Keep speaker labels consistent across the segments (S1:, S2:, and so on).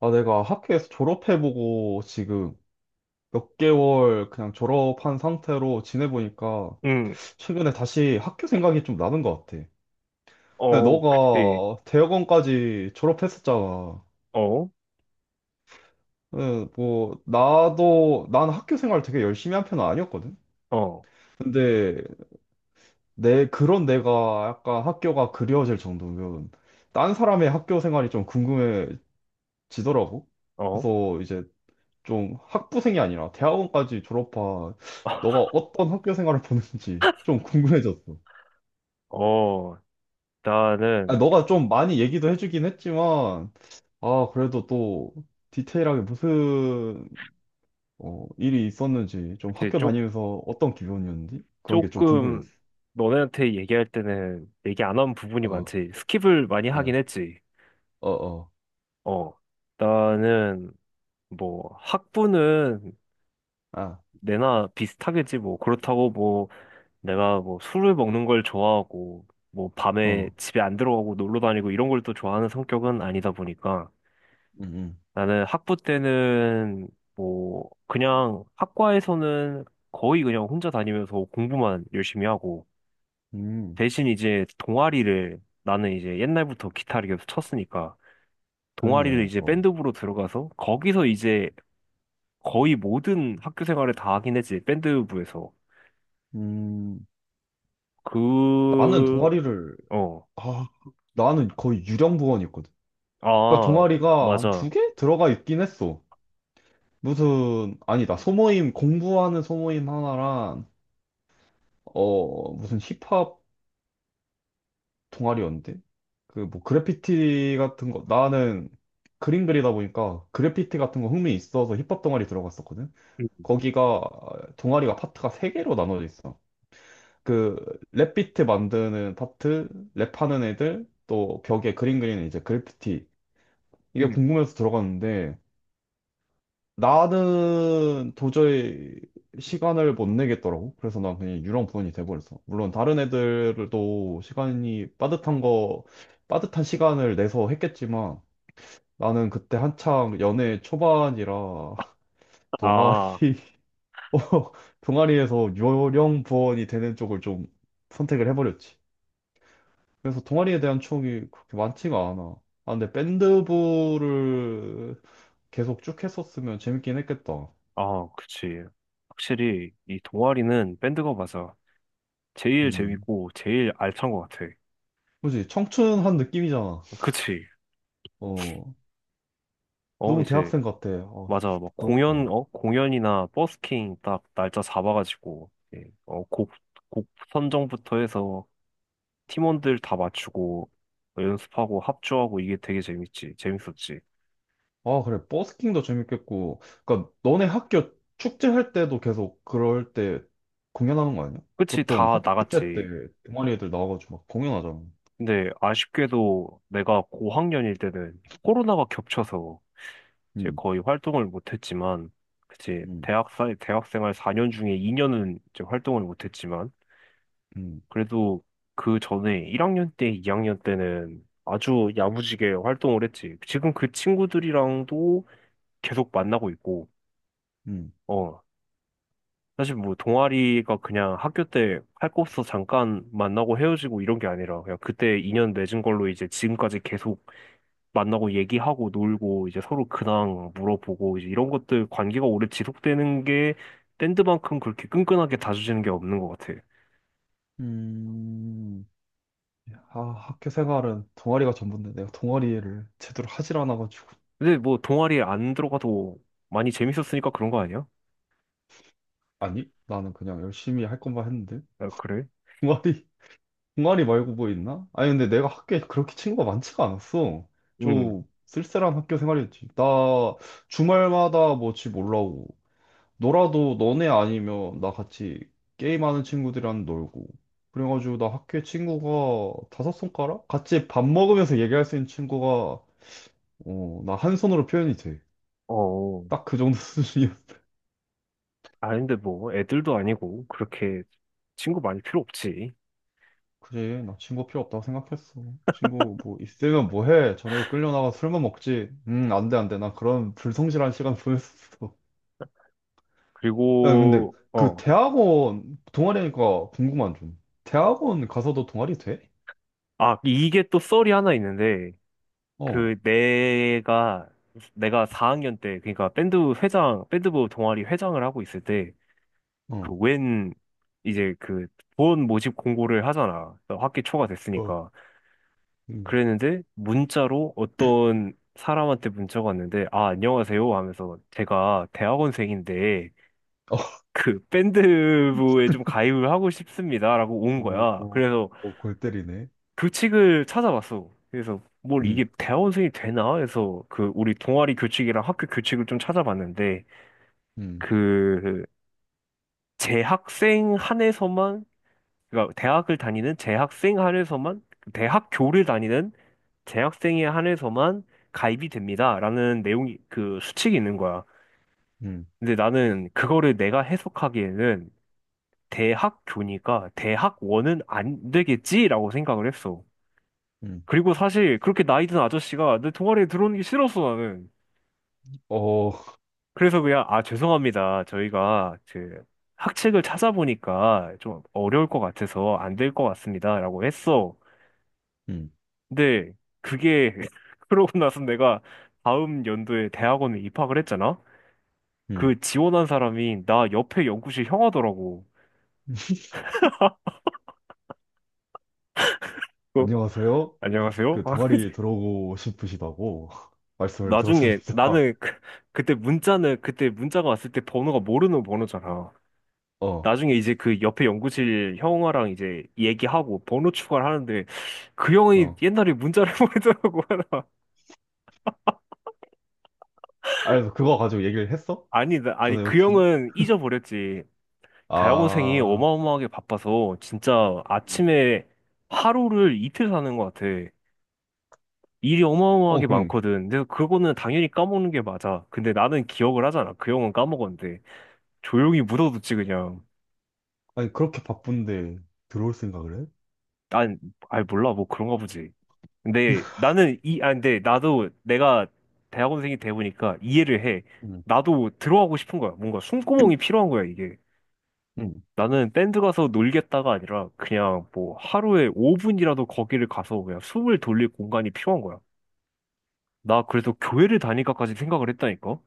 S1: 아, 내가 학교에서 졸업해보고 지금 몇 개월 그냥 졸업한 상태로 지내보니까
S2: 응,
S1: 최근에 다시 학교 생각이 좀 나는 것 같아. 근데
S2: 어, 그치.
S1: 너가 대학원까지 졸업했었잖아.
S2: 어,
S1: 응, 뭐, 난 학교 생활 되게 열심히 한 편은 아니었거든?
S2: 어,
S1: 근데 그런 내가 약간 학교가 그리워질 정도면 딴 사람의 학교 생활이 좀 궁금해지더라고.
S2: 어,
S1: 그래서 이제 좀 학부생이 아니라 대학원까지 졸업한 너가 어떤 학교 생활을 보는지 좀 궁금해졌어.
S2: 어,
S1: 아,
S2: 나는,
S1: 너가 좀 많이 얘기도 해주긴 했지만, 아, 그래도 또 디테일하게 무슨 어, 일이 있었는지, 좀
S2: 그치,
S1: 학교 다니면서 어떤 기분이었는지 그런 게 좀
S2: 조금,
S1: 궁금해졌어.
S2: 너네한테 얘기할 때는 얘기 안 한 부분이
S1: 어,
S2: 많지. 스킵을 많이 하긴
S1: 어,
S2: 했지.
S1: 어, 어,
S2: 어, 나는, 뭐, 학부는
S1: 아,
S2: 내나 비슷하겠지. 뭐, 그렇다고 뭐, 내가 뭐, 술을 먹는 걸 좋아하고, 뭐, 밤에
S1: 어,
S2: 집에 안 들어가고 놀러 다니고 이런 걸 또 좋아하는 성격은 아니다 보니까.
S1: 음,
S2: 나는 학부 때는 뭐 그냥 학과에서는 거의 그냥 혼자 다니면서 공부만 열심히 하고,
S1: 음, 음,
S2: 대신 이제 동아리를, 나는 이제 옛날부터 기타를 계속 쳤으니까 동아리를
S1: 그랬네.
S2: 이제
S1: 어,
S2: 밴드부로 들어가서, 거기서 이제 거의 모든 학교 생활을 다 하긴 했지, 밴드부에서.
S1: 음, 나는
S2: 그,
S1: 동아리를,
S2: 어,
S1: 아, 나는 거의 유령 부원이었거든. 그러니까
S2: 아,
S1: 동아리가 한 두
S2: 맞아.
S1: 개 들어가 있긴 했어. 무슨, 아니다. 소모임, 공부하는 소모임 하나랑, 어, 무슨 힙합 동아리였는데? 그, 뭐, 그래피티 같은 거, 나는 그림 그리다 보니까 그래피티 같은 거 흥미 있어서 힙합 동아리 들어갔었거든?
S2: 음,
S1: 거기가, 동아리가 파트가 세개로 나눠져 있어. 그, 랩비트 만드는 파트, 랩하는 애들, 또 벽에 그림 그리는 이제 그래피티. 이게
S2: 음.
S1: 궁금해서 들어갔는데, 나는 도저히 시간을 못 내겠더라고. 그래서 난 그냥 유령분이 돼버렸어. 물론 다른 애들도 시간이 빠듯한 거, 빠듯한 시간을 내서 했겠지만 나는 그때 한창 연애 초반이라 동아리,
S2: 아,
S1: 어, 동아리에서 유령부원이 되는 쪽을 좀 선택을 해버렸지. 그래서 동아리에 대한 추억이 그렇게 많지가 않아. 아, 근데 밴드부를 계속 쭉 했었으면 재밌긴 했겠다.
S2: 아, 그치. 확실히 이 동아리는 밴드가 맞아. 제일
S1: 음.
S2: 재밌고 제일 알찬 것 같아.
S1: 그지? 청춘한 느낌이잖아.
S2: 그치?
S1: 어,
S2: 어,
S1: 너무
S2: 이제
S1: 대학생 같아. 아,
S2: 맞아.
S1: 진짜
S2: 막 공연,
S1: 부럽다.
S2: 어, 공연이나 버스킹 딱 날짜 잡아가지고 어곡곡 선정부터 해서 팀원들 다 맞추고 뭐 연습하고 합주하고, 이게 되게 재밌지. 재밌었지.
S1: 아, 그래. 버스킹도 재밌겠고. 그니까, 너네 학교 축제할 때도 계속 그럴 때 공연하는 거 아니야?
S2: 그치?
S1: 보통
S2: 다
S1: 학교 축제 때
S2: 나갔지.
S1: 동아리 애들 나와가지고 막 공연하잖아.
S2: 근데 아쉽게도 내가 고학년일 때는 코로나가 겹쳐서 이제
S1: 응,
S2: 거의 활동을 못했지만, 그치?
S1: 응,
S2: 대학 사 대학생활 4년 중에 2년은 이제 활동을 못했지만,
S1: 응,
S2: 그래도 그 전에 1학년 때, 2학년 때는 아주 야무지게 활동을 했지. 지금 그 친구들이랑도 계속 만나고 있고,
S1: 응.
S2: 어. 사실 뭐 동아리가 그냥 학교 때 할 거 없어 잠깐 만나고 헤어지고 이런 게 아니라, 그냥 그때 인연 맺은 걸로 이제 지금까지 계속 만나고 얘기하고 놀고 이제 서로 근황 물어보고 이제 이런 것들, 관계가 오래 지속되는 게 밴드만큼 그렇게 끈끈하게 다져지는 게 없는 것 같아.
S1: 음, 아, 학교 생활은 동아리가 전부인데 내가 동아리를 제대로 하질 않아가지고.
S2: 근데 뭐 동아리에 안 들어가도 많이 재밌었으니까 그런 거 아니야?
S1: 아니, 나는 그냥 열심히 할 것만 했는데.
S2: 아, 그래?
S1: 동아리 동아리 말고 뭐 있나? 아니, 근데 내가 학교에 그렇게 친구가 많지가 않았어.
S2: 응.
S1: 좀 쓸쓸한 학교 생활이었지. 나 주말마다 뭐 집 올라오고, 놀아도 너네 아니면 나 같이 게임하는 친구들이랑 놀고. 그래가지고 나 학교에 친구가 다섯 손가락? 같이 밥 먹으면서 얘기할 수 있는 친구가, 어, 나 한 손으로 표현이 돼.
S2: 어.
S1: 딱 그 정도 수준이야.
S2: 아, 근데 뭐, 애들도 아니고, 그렇게 친구 많이 필요 없지.
S1: 그래, 나 친구 필요 없다고 생각했어. 친구 뭐 있으면 뭐 해? 저녁에 끌려 나가 술만 먹지. 안 돼, 안 돼. 나 그런 불성실한 시간 보냈었어. 야, 근데
S2: 그리고,
S1: 그
S2: 어.
S1: 대학원 동아리니까 궁금한 좀. 대학원 가서도 동아리 돼?
S2: 아, 이게 또 썰이 하나 있는데,
S1: 어,
S2: 그, 내가 4학년 때, 그러니까 밴드 회장, 밴드부 동아리 회장을 하고 있을 때, 그,
S1: 어,
S2: 웬, 이제 그, 본 모집 공고를 하잖아. 학기 초가
S1: 어,
S2: 됐으니까.
S1: 음.
S2: 그랬는데, 문자로 어떤 사람한테 문자가 왔는데, 아, 안녕하세요 하면서, 제가 대학원생인데,
S1: 어,
S2: 그 밴드부에 좀 가입을 하고 싶습니다라고 온
S1: 어,
S2: 거야.
S1: 어,
S2: 그래서
S1: 어, 골 때리네.
S2: 교칙을 찾아봤어. 그래서 뭘 이게
S1: 음,
S2: 대학원생이 되나 해서 그 우리 동아리 교칙이랑 학교 교칙을 좀 찾아봤는데,
S1: 음,
S2: 그 재학생 한에서만, 그러니까 대학을 다니는 재학생 한에서만, 대학교를 다니는 재학생에 한해서만 가입이 됩니다라는 내용이 그 수칙이 있는 거야.
S1: 음,
S2: 근데 나는 그거를 내가 해석하기에는, 대학 교니까 대학원은 안 되겠지라고 생각을 했어.
S1: 음.
S2: 그리고 사실 그렇게 나이 든 아저씨가 내 동아리에 들어오는 게 싫었어, 나는.
S1: 어,
S2: 그래서 그냥, 아, 죄송합니다. 저희가 그 학책을 찾아보니까 좀 어려울 것 같아서 안 될 것 같습니다, 라고 했어.
S1: 음,
S2: 근데 그게, 그러고 나서 내가 다음 연도에 대학원에 입학을 했잖아?
S1: 음.
S2: 그 지원한 사람이 나 옆에 연구실 형하더라고. 어,
S1: 안녕하세요.
S2: 안녕하세요?
S1: 그 동아리 들어오고 싶으시다고 말씀을
S2: 나중에
S1: 들었습니다.
S2: 나는 그, 그때 문자는, 그때 문자가 왔을 때 번호가 모르는 번호잖아.
S1: 어,
S2: 나중에 이제 그 옆에 연구실 형아랑 이제 얘기하고 번호 추가를 하는데 그 형이
S1: 어.
S2: 옛날에 문자를 보내더라고.
S1: 아, 그래서 그거 가지고 얘기를 했어?
S2: 아니, 아니
S1: 전에
S2: 그
S1: 혹시?
S2: 형은 잊어버렸지. 대학원생이
S1: 아,
S2: 어마어마하게 바빠서 진짜
S1: 음.
S2: 아침에 하루를 이틀 사는 것 같아. 일이
S1: 어,
S2: 어마어마하게
S1: 그럼,
S2: 많거든. 근데 그거는 당연히 까먹는 게 맞아. 근데 나는 기억을 하잖아, 그 형은 까먹었는데. 조용히 묻어뒀지 그냥.
S1: 아니, 그렇게 바쁜데 들어올 생각을 해?
S2: 아니, 아니 몰라, 뭐 그런가 보지. 근데 나는 이, 아 근데 나도 내가 대학원생이 돼 보니까 이해를 해.
S1: 음,
S2: 나도 들어가고 싶은 거야. 뭔가 숨구멍이 필요한 거야 이게.
S1: 음.
S2: 나는 밴드 가서 놀겠다가 아니라 그냥 뭐 하루에 5분이라도 거기를 가서 그냥 숨을 돌릴 공간이 필요한 거야. 나 그래서 교회를 다닐까까지 생각을 했다니까.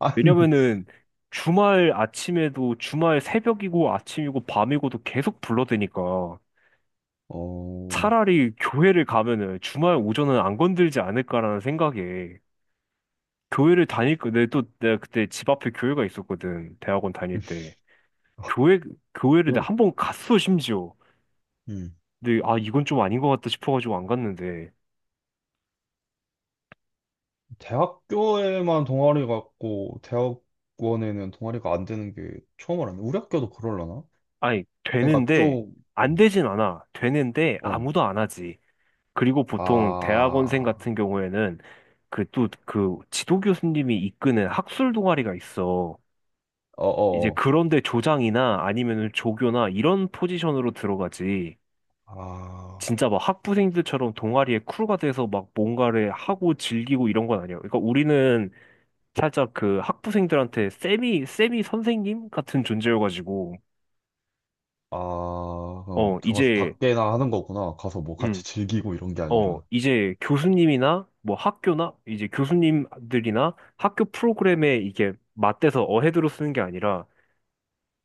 S1: 아니,
S2: 왜냐면은 주말 아침에도, 주말 새벽이고 아침이고 밤이고도 계속 불러대니까.
S1: 어,
S2: 차라리 교회를 가면은 주말 오전은 안 건들지 않을까라는 생각에 교회를 다닐 거, 내가 또 내가 그때 집 앞에 교회가 있었거든, 대학원 다닐 때. 교회, 교회를 내가
S1: 그냥
S2: 한 번 갔어, 심지어.
S1: 음.
S2: 근데 아 이건 좀 아닌 것 같다 싶어가지고 안 갔는데.
S1: 대학교에만 동아리 같고, 대학원에는 동아리가 안 되는 게 처음 알았네. 우리 학교도 그럴라나?
S2: 아니
S1: 그러니까
S2: 되는데,
S1: 좀,
S2: 안
S1: 음.
S2: 되진 않아, 되는데
S1: 어,
S2: 아무도 안 하지. 그리고 보통 대학원생
S1: 아,
S2: 같은 경우에는 그 또 그 지도 교수님이 이끄는 학술 동아리가 있어. 이제
S1: 어어어.
S2: 그런데 조장이나 아니면 조교나 이런 포지션으로 들어가지.
S1: 아,
S2: 진짜 막 학부생들처럼 동아리에 쿨가 돼서 막 뭔가를 하고 즐기고 이런 건 아니야. 그러니까 우리는 살짝 그 학부생들한테 세미 선생님 같은 존재여가지고,
S1: 아, 그럼
S2: 어,
S1: 들어가서
S2: 이제,
S1: 닭게나 하는 거구나. 가서 뭐
S2: 음,
S1: 같이 즐기고 이런 게
S2: 어,
S1: 아니라.
S2: 이제 교수님이나 뭐 학교나 이제 교수님들이나 학교 프로그램에 이게 맞대서 어헤드로 쓰는 게 아니라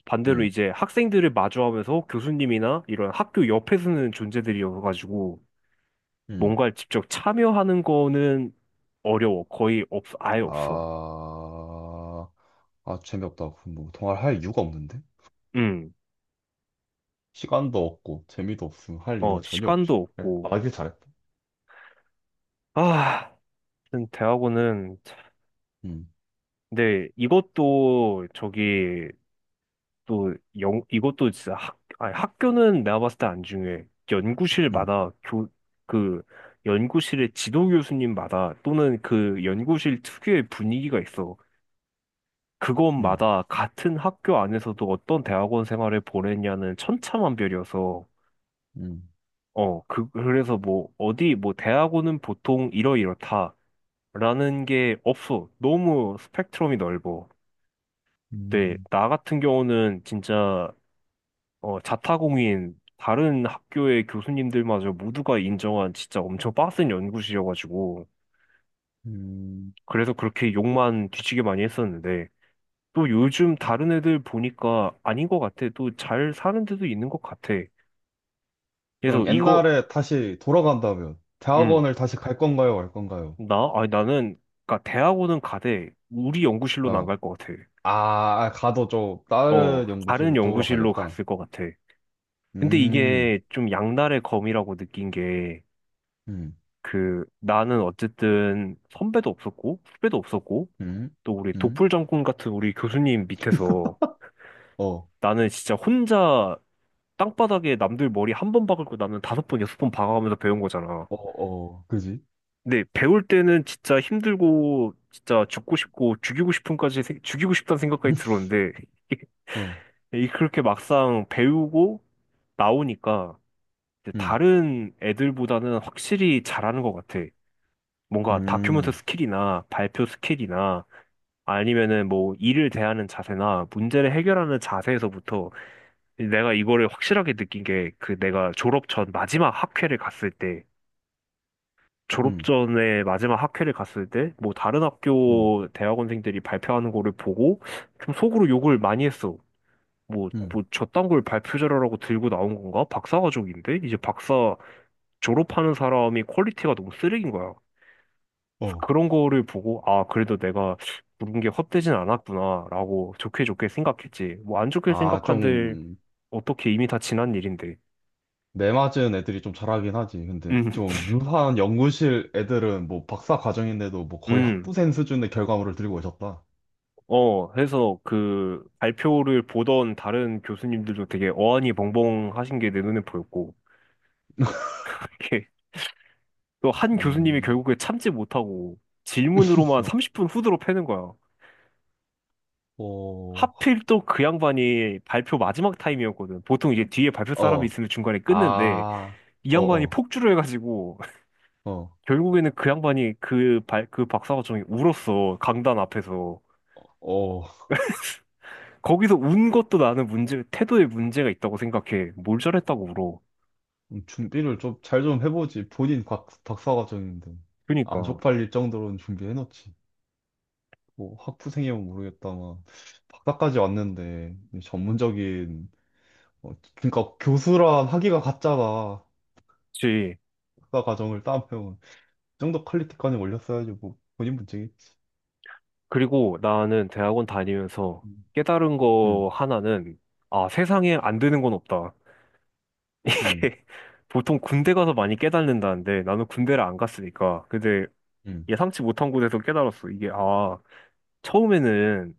S2: 반대로
S1: 음,
S2: 이제 학생들을 마주하면서 교수님이나 이런 학교 옆에 서는 존재들이어가지고,
S1: 음.
S2: 뭔가 직접 참여하는 거는 어려워. 거의 아예 없어.
S1: 아, 아, 재미없다. 그럼 뭐, 통화를 할 이유가 없는데?
S2: 음,
S1: 시간도 없고, 재미도 없으면 할 이유가
S2: 어,
S1: 전혀 없지.
S2: 시간도
S1: 그래,
S2: 없고.
S1: 아, 이게 잘했다.
S2: 아, 하여튼 대학원은, 참-
S1: 음,
S2: 근데 이것도 저기 또 이것도 진짜 학, 아니, 학교는 내가 봤을 때 안 중요해.
S1: 음,
S2: 연구실마다 교, 그 연구실의 지도 교수님마다 또는 그 연구실 특유의 분위기가 있어.
S1: 음,
S2: 그곳마다 같은 학교 안에서도 어떤 대학원 생활을 보냈냐는 천차만별이어서,
S1: 음,
S2: 어, 그, 그래서 뭐, 어디, 뭐, 대학원은 보통 이러이렇다 라는 게 없어. 너무 스펙트럼이 넓어. 네,
S1: 음,
S2: 나 같은 경우는 진짜, 어, 자타공인, 다른 학교의 교수님들마저 모두가 인정한 진짜 엄청 빡센 연구실이어가지고,
S1: 음.
S2: 그래서 그렇게 욕만 뒤지게 많이 했었는데, 또 요즘 다른 애들 보니까 아닌 것 같아. 또 잘 사는 데도 있는 것 같아. 그래서
S1: 그럼
S2: 이거,
S1: 옛날에 다시 돌아간다면,
S2: 음,
S1: 대학원을 다시 갈 건가요, 말 건가요?
S2: 나? 아니, 나는, 그니까 대학원은 가되, 우리 연구실로는 안
S1: 어.
S2: 갈 것 같아.
S1: 아, 아, 가도 좀,
S2: 어,
S1: 다른
S2: 다른
S1: 연구실 쪽으로
S2: 연구실로
S1: 가겠다.
S2: 갔을 것 같아. 근데
S1: 음,
S2: 이게 좀 양날의 검이라고 느낀 게,
S1: 음,
S2: 그, 나는 어쨌든 선배도 없었고, 후배도 없었고,
S1: 음,
S2: 또 우리
S1: 음,
S2: 독불 장군 같은 우리 교수님 밑에서
S1: 어,
S2: 나는 진짜 혼자 땅바닥에 남들 머리 한 번 박을 거 나는 다섯 번, 여섯 번 박아가면서 배운 거잖아.
S1: 어, 어, 그지?
S2: 네, 배울 때는 진짜 힘들고, 진짜 죽고 싶고, 죽이고 싶은까지, 죽이고 싶다는 생각까지 들었는데,
S1: 어,
S2: 이 그렇게 막상 배우고 나오니까, 이제
S1: 음,
S2: 다른 애들보다는 확실히 잘하는 것 같아. 뭔가 다큐멘터
S1: 음,
S2: 스킬이나 발표 스킬이나, 아니면은 뭐 일을 대하는 자세나 문제를 해결하는 자세에서부터, 내가 이거를 확실하게 느낀 게, 그 내가 졸업 전 마지막 학회를 갔을 때, 졸업
S1: 음,
S2: 전에 마지막 학회를 갔을 때 뭐 다른
S1: 음.
S2: 학교 대학원생들이 발표하는 거를 보고 좀 속으로 욕을 많이 했어. 뭐,
S1: 음.
S2: 뭐 저딴 걸 발표 자료라고 들고 나온 건가? 박사 과정인데? 이제 박사 졸업하는 사람이 퀄리티가 너무 쓰레기인 거야.
S1: 어.
S2: 그런 거를 보고, 아, 그래도 내가 부른 게 헛되진 않았구나, 라고 좋게 좋게 생각했지. 뭐 안 좋게
S1: 아,
S2: 생각한들
S1: 좀,
S2: 어떻게, 이미 다 지난 일인데.
S1: 매 맞은 애들이 좀 잘하긴 하지. 근데
S2: 음,
S1: 좀 유한 연구실 애들은 뭐 박사 과정인데도 뭐 거의
S2: 음.
S1: 학부생 수준의 결과물을 들고 오셨다.
S2: 어, 해서 그 발표를 보던 다른 교수님들도 되게 어안이 벙벙 하신 게 내 눈에 보였고, 이렇게 또 한
S1: 어
S2: 교수님이 결국에 참지 못하고 질문으로만 30분 후드로 패는 거야.
S1: 어,
S2: 하필 또 그 양반이 발표 마지막 타임이었거든. 보통 이제 뒤에 발표 사람이
S1: 어,
S2: 있으면 중간에 끊는데,
S1: 아,
S2: 이
S1: 어,
S2: 양반이
S1: 어,
S2: 폭주를 해가지고,
S1: 어,
S2: 결국에는 그 양반이 그 그 박사과정이 울었어. 강단 앞에서.
S1: 어,
S2: 거기서 운 것도 나는 문제, 태도에 문제가 있다고 생각해. 뭘 잘했다고 울어.
S1: 준비를 좀 잘 좀 해보지. 본인 박 박사 과정인데. 안
S2: 그니까.
S1: 쪽팔릴 정도로는 준비해놓지. 뭐 학부생이면 모르겠다만 박사까지 왔는데 이 전문적인 어, 그러니까 교수랑 학위가 같잖아.
S2: 그치.
S1: 학사 과정을 따면 그 정도 퀄리티까지 올렸어야지 뭐 본인 문제겠지.
S2: 그리고 나는 대학원 다니면서
S1: 음,
S2: 깨달은
S1: 음,
S2: 거 하나는, 아, 세상에 안 되는 건 없다.
S1: 음,
S2: 보통 군대 가서 많이 깨닫는다는데 나는 군대를 안 갔으니까. 근데
S1: 음,
S2: 예상치 못한 곳에서 깨달았어. 이게, 아, 처음에는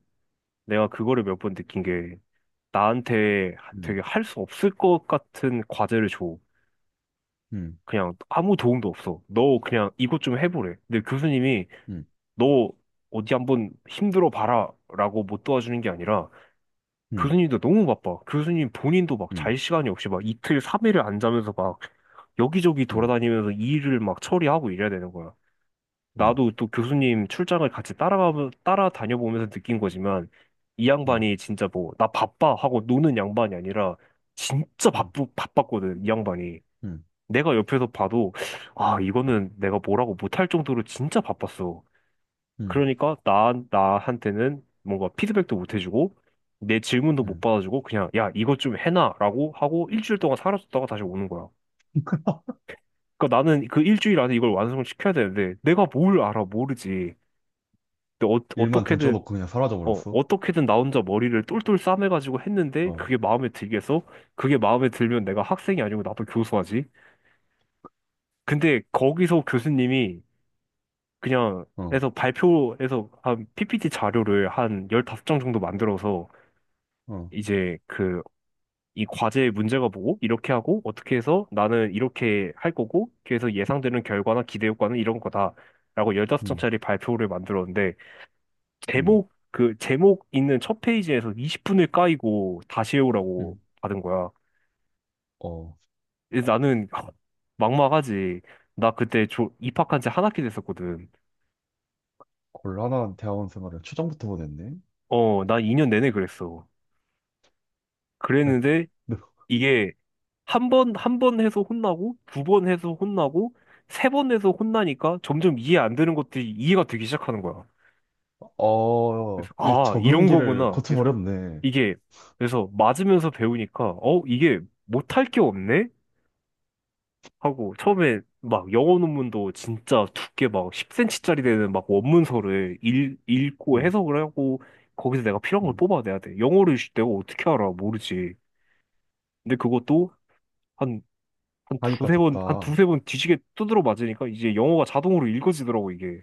S2: 내가 그거를 몇 번 느낀 게, 나한테 되게 할 수 없을 것 같은 과제를 줘.
S1: 음,
S2: 그냥 아무 도움도 없어. 너 그냥 이것 좀 해보래. 근데 교수님이
S1: 음,
S2: 너 어디 한번 힘들어 봐라 라고 못 도와주는 게 아니라,
S1: 음,
S2: 교수님도 너무 바빠. 교수님 본인도 막
S1: 음,
S2: 잘 시간이 없이 막 이틀, 삼일을안 자면서 막 여기저기
S1: 음, 음,
S2: 돌아다니면서 일을 막 처리하고 이래야 되는 거야.
S1: 음,
S2: 나도 또 교수님 출장을 같이 따라가, 따라다녀 보면서 느낀 거지만, 이
S1: 음,
S2: 양반이 진짜 뭐, 나 바빠 하고 노는 양반이 아니라 진짜
S1: 음,
S2: 바빴거든, 이 양반이.
S1: 음,
S2: 내가 옆에서 봐도, 아, 이거는 내가 뭐라고 못할 정도로 진짜 바빴어.
S1: 음,
S2: 그러니까 나, 나한테는 뭔가 피드백도 못 해주고 내 질문도 못
S1: 음.
S2: 받아주고 그냥 야 이것 좀 해놔라고 하고 일주일 동안 사라졌다가 다시 오는 거야. 그러니까 나는 그 일주일 안에 이걸 완성시켜야 되는데 내가 뭘 알아, 모르지. 근데 어,
S1: 일만 던져놓고 그냥 사라져버렸어.
S2: 어떻게든 나 혼자 머리를 똘똘 싸매가지고 했는데
S1: 어,
S2: 그게 마음에 들겠어? 그게 마음에 들면 내가 학생이 아니고 나도 교수하지. 근데 거기서 교수님이 그냥
S1: 어,
S2: 해서 발표해서 한 PPT 자료를 한 15장 정도 만들어서
S1: 어,
S2: 이제 그 이 과제의 문제가 뭐고 이렇게 하고 어떻게 해서 나는 이렇게 할 거고 그래서 예상되는 결과나 기대 효과는 이런 거다라고
S1: 음,
S2: 15장짜리 발표를 만들었는데
S1: 음,
S2: 제목, 그 제목 있는 첫 페이지에서 20분을 까이고 다시 해오라고
S1: 음.
S2: 받은 거야.
S1: 어,
S2: 그래서 나는 막막하지. 나 그때 조, 입학한 지 한 학기 됐었거든.
S1: 곤란한 대학원 생활을 초장부터 보냈네.
S2: 어, 나 2년 내내 그랬어.
S1: 네.
S2: 그랬는데 이게 한 번, 한 번 해서 혼나고, 두 번 해서 혼나고, 세 번 해서 혼나니까 점점 이해 안 되는 것들이 이해가 되기 시작하는 거야.
S1: 어,
S2: 그래서,
S1: 이
S2: 아, 이런
S1: 적응기를
S2: 거구나. 그래서
S1: 거쳐버렸네.
S2: 이게, 그래서 맞으면서 배우니까, 어, 이게 못할 게 없네? 하고, 처음에 막 영어 논문도 진짜 두께 막 10cm짜리 되는 막 원문서를 읽고
S1: 음,
S2: 해석을 하고, 거기서 내가 필요한 걸
S1: 음.
S2: 뽑아내야 돼. 영어를 내가 어떻게 알아? 모르지. 근데 그것도, 한 한
S1: 하니까
S2: 두세 번, 한
S1: 됐다.
S2: 두세 번 뒤지게 두드려 맞으니까 이제 영어가 자동으로 읽어지더라고, 이게.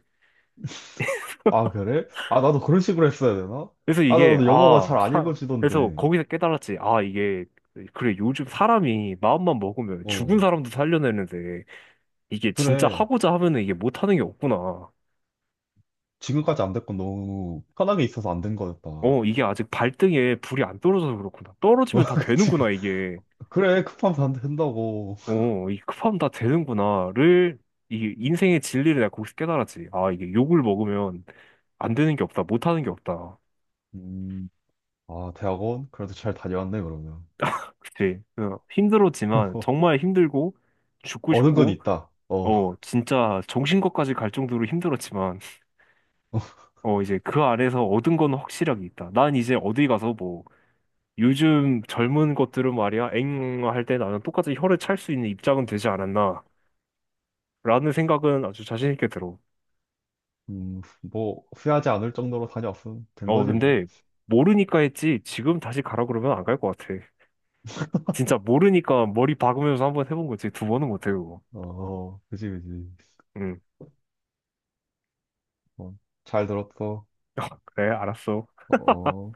S1: 아, 그래? 아, 나도 그런 식으로 했어야 되나?
S2: 그래서
S1: 아,
S2: 이게,
S1: 나도 영어가
S2: 아,
S1: 잘 안
S2: 사, 그래서
S1: 읽어지던데.
S2: 거기서 깨달았지. 아, 이게, 그래, 요즘 사람이 마음만 먹으면 죽은
S1: 어,
S2: 사람도 살려내는데 이게 진짜
S1: 그래.
S2: 하고자 하면은 이게 못하는 게 없구나.
S1: 지금까지 안 될 건 너무 편하게 있어서 안된 거였다. 어,
S2: 어, 이게 아직 발등에 불이 안 떨어져서 그렇구나. 떨어지면 다
S1: 그치.
S2: 되는구나, 이게.
S1: 그래, 급하면 안 된다고.
S2: 어, 이 급하면 다 되는구나를, 이 인생의 진리를 내가 거기서 깨달았지. 아, 이게 욕을 먹으면 안 되는 게 없다, 못하는 게 없다.
S1: 음, 아, 대학원? 그래도 잘 다녀왔네, 그러면.
S2: 그치, 그 힘들었지만, 정말 힘들고 죽고
S1: 얻은 건
S2: 싶고,
S1: 있다. 어,
S2: 어, 진짜 정신과까지 갈 정도로 힘들었지만 어 이제 그 안에서 얻은 건 확실하게 있다. 난 이제 어디 가서 뭐 요즘 젊은 것들은 말이야 엥, 응, 할때 나는 똑같이 혀를 찰 수 있는 입장은 되지 않았나라는 생각은 아주 자신 있게 들어.
S1: 뭐, 후회하지 않을 정도로 다녀왔으면 된
S2: 어
S1: 거지, 뭐.
S2: 근데 모르니까 했지, 지금 다시 가라 그러면 안 갈 것 같아. 진짜 모르니까 머리 박으면서 한번 해본 거지 두 번은 못해, 그거.
S1: 어, 그지, 그지.
S2: 응,
S1: 어, 잘 들었어.
S2: 그래, 알았어.
S1: 어.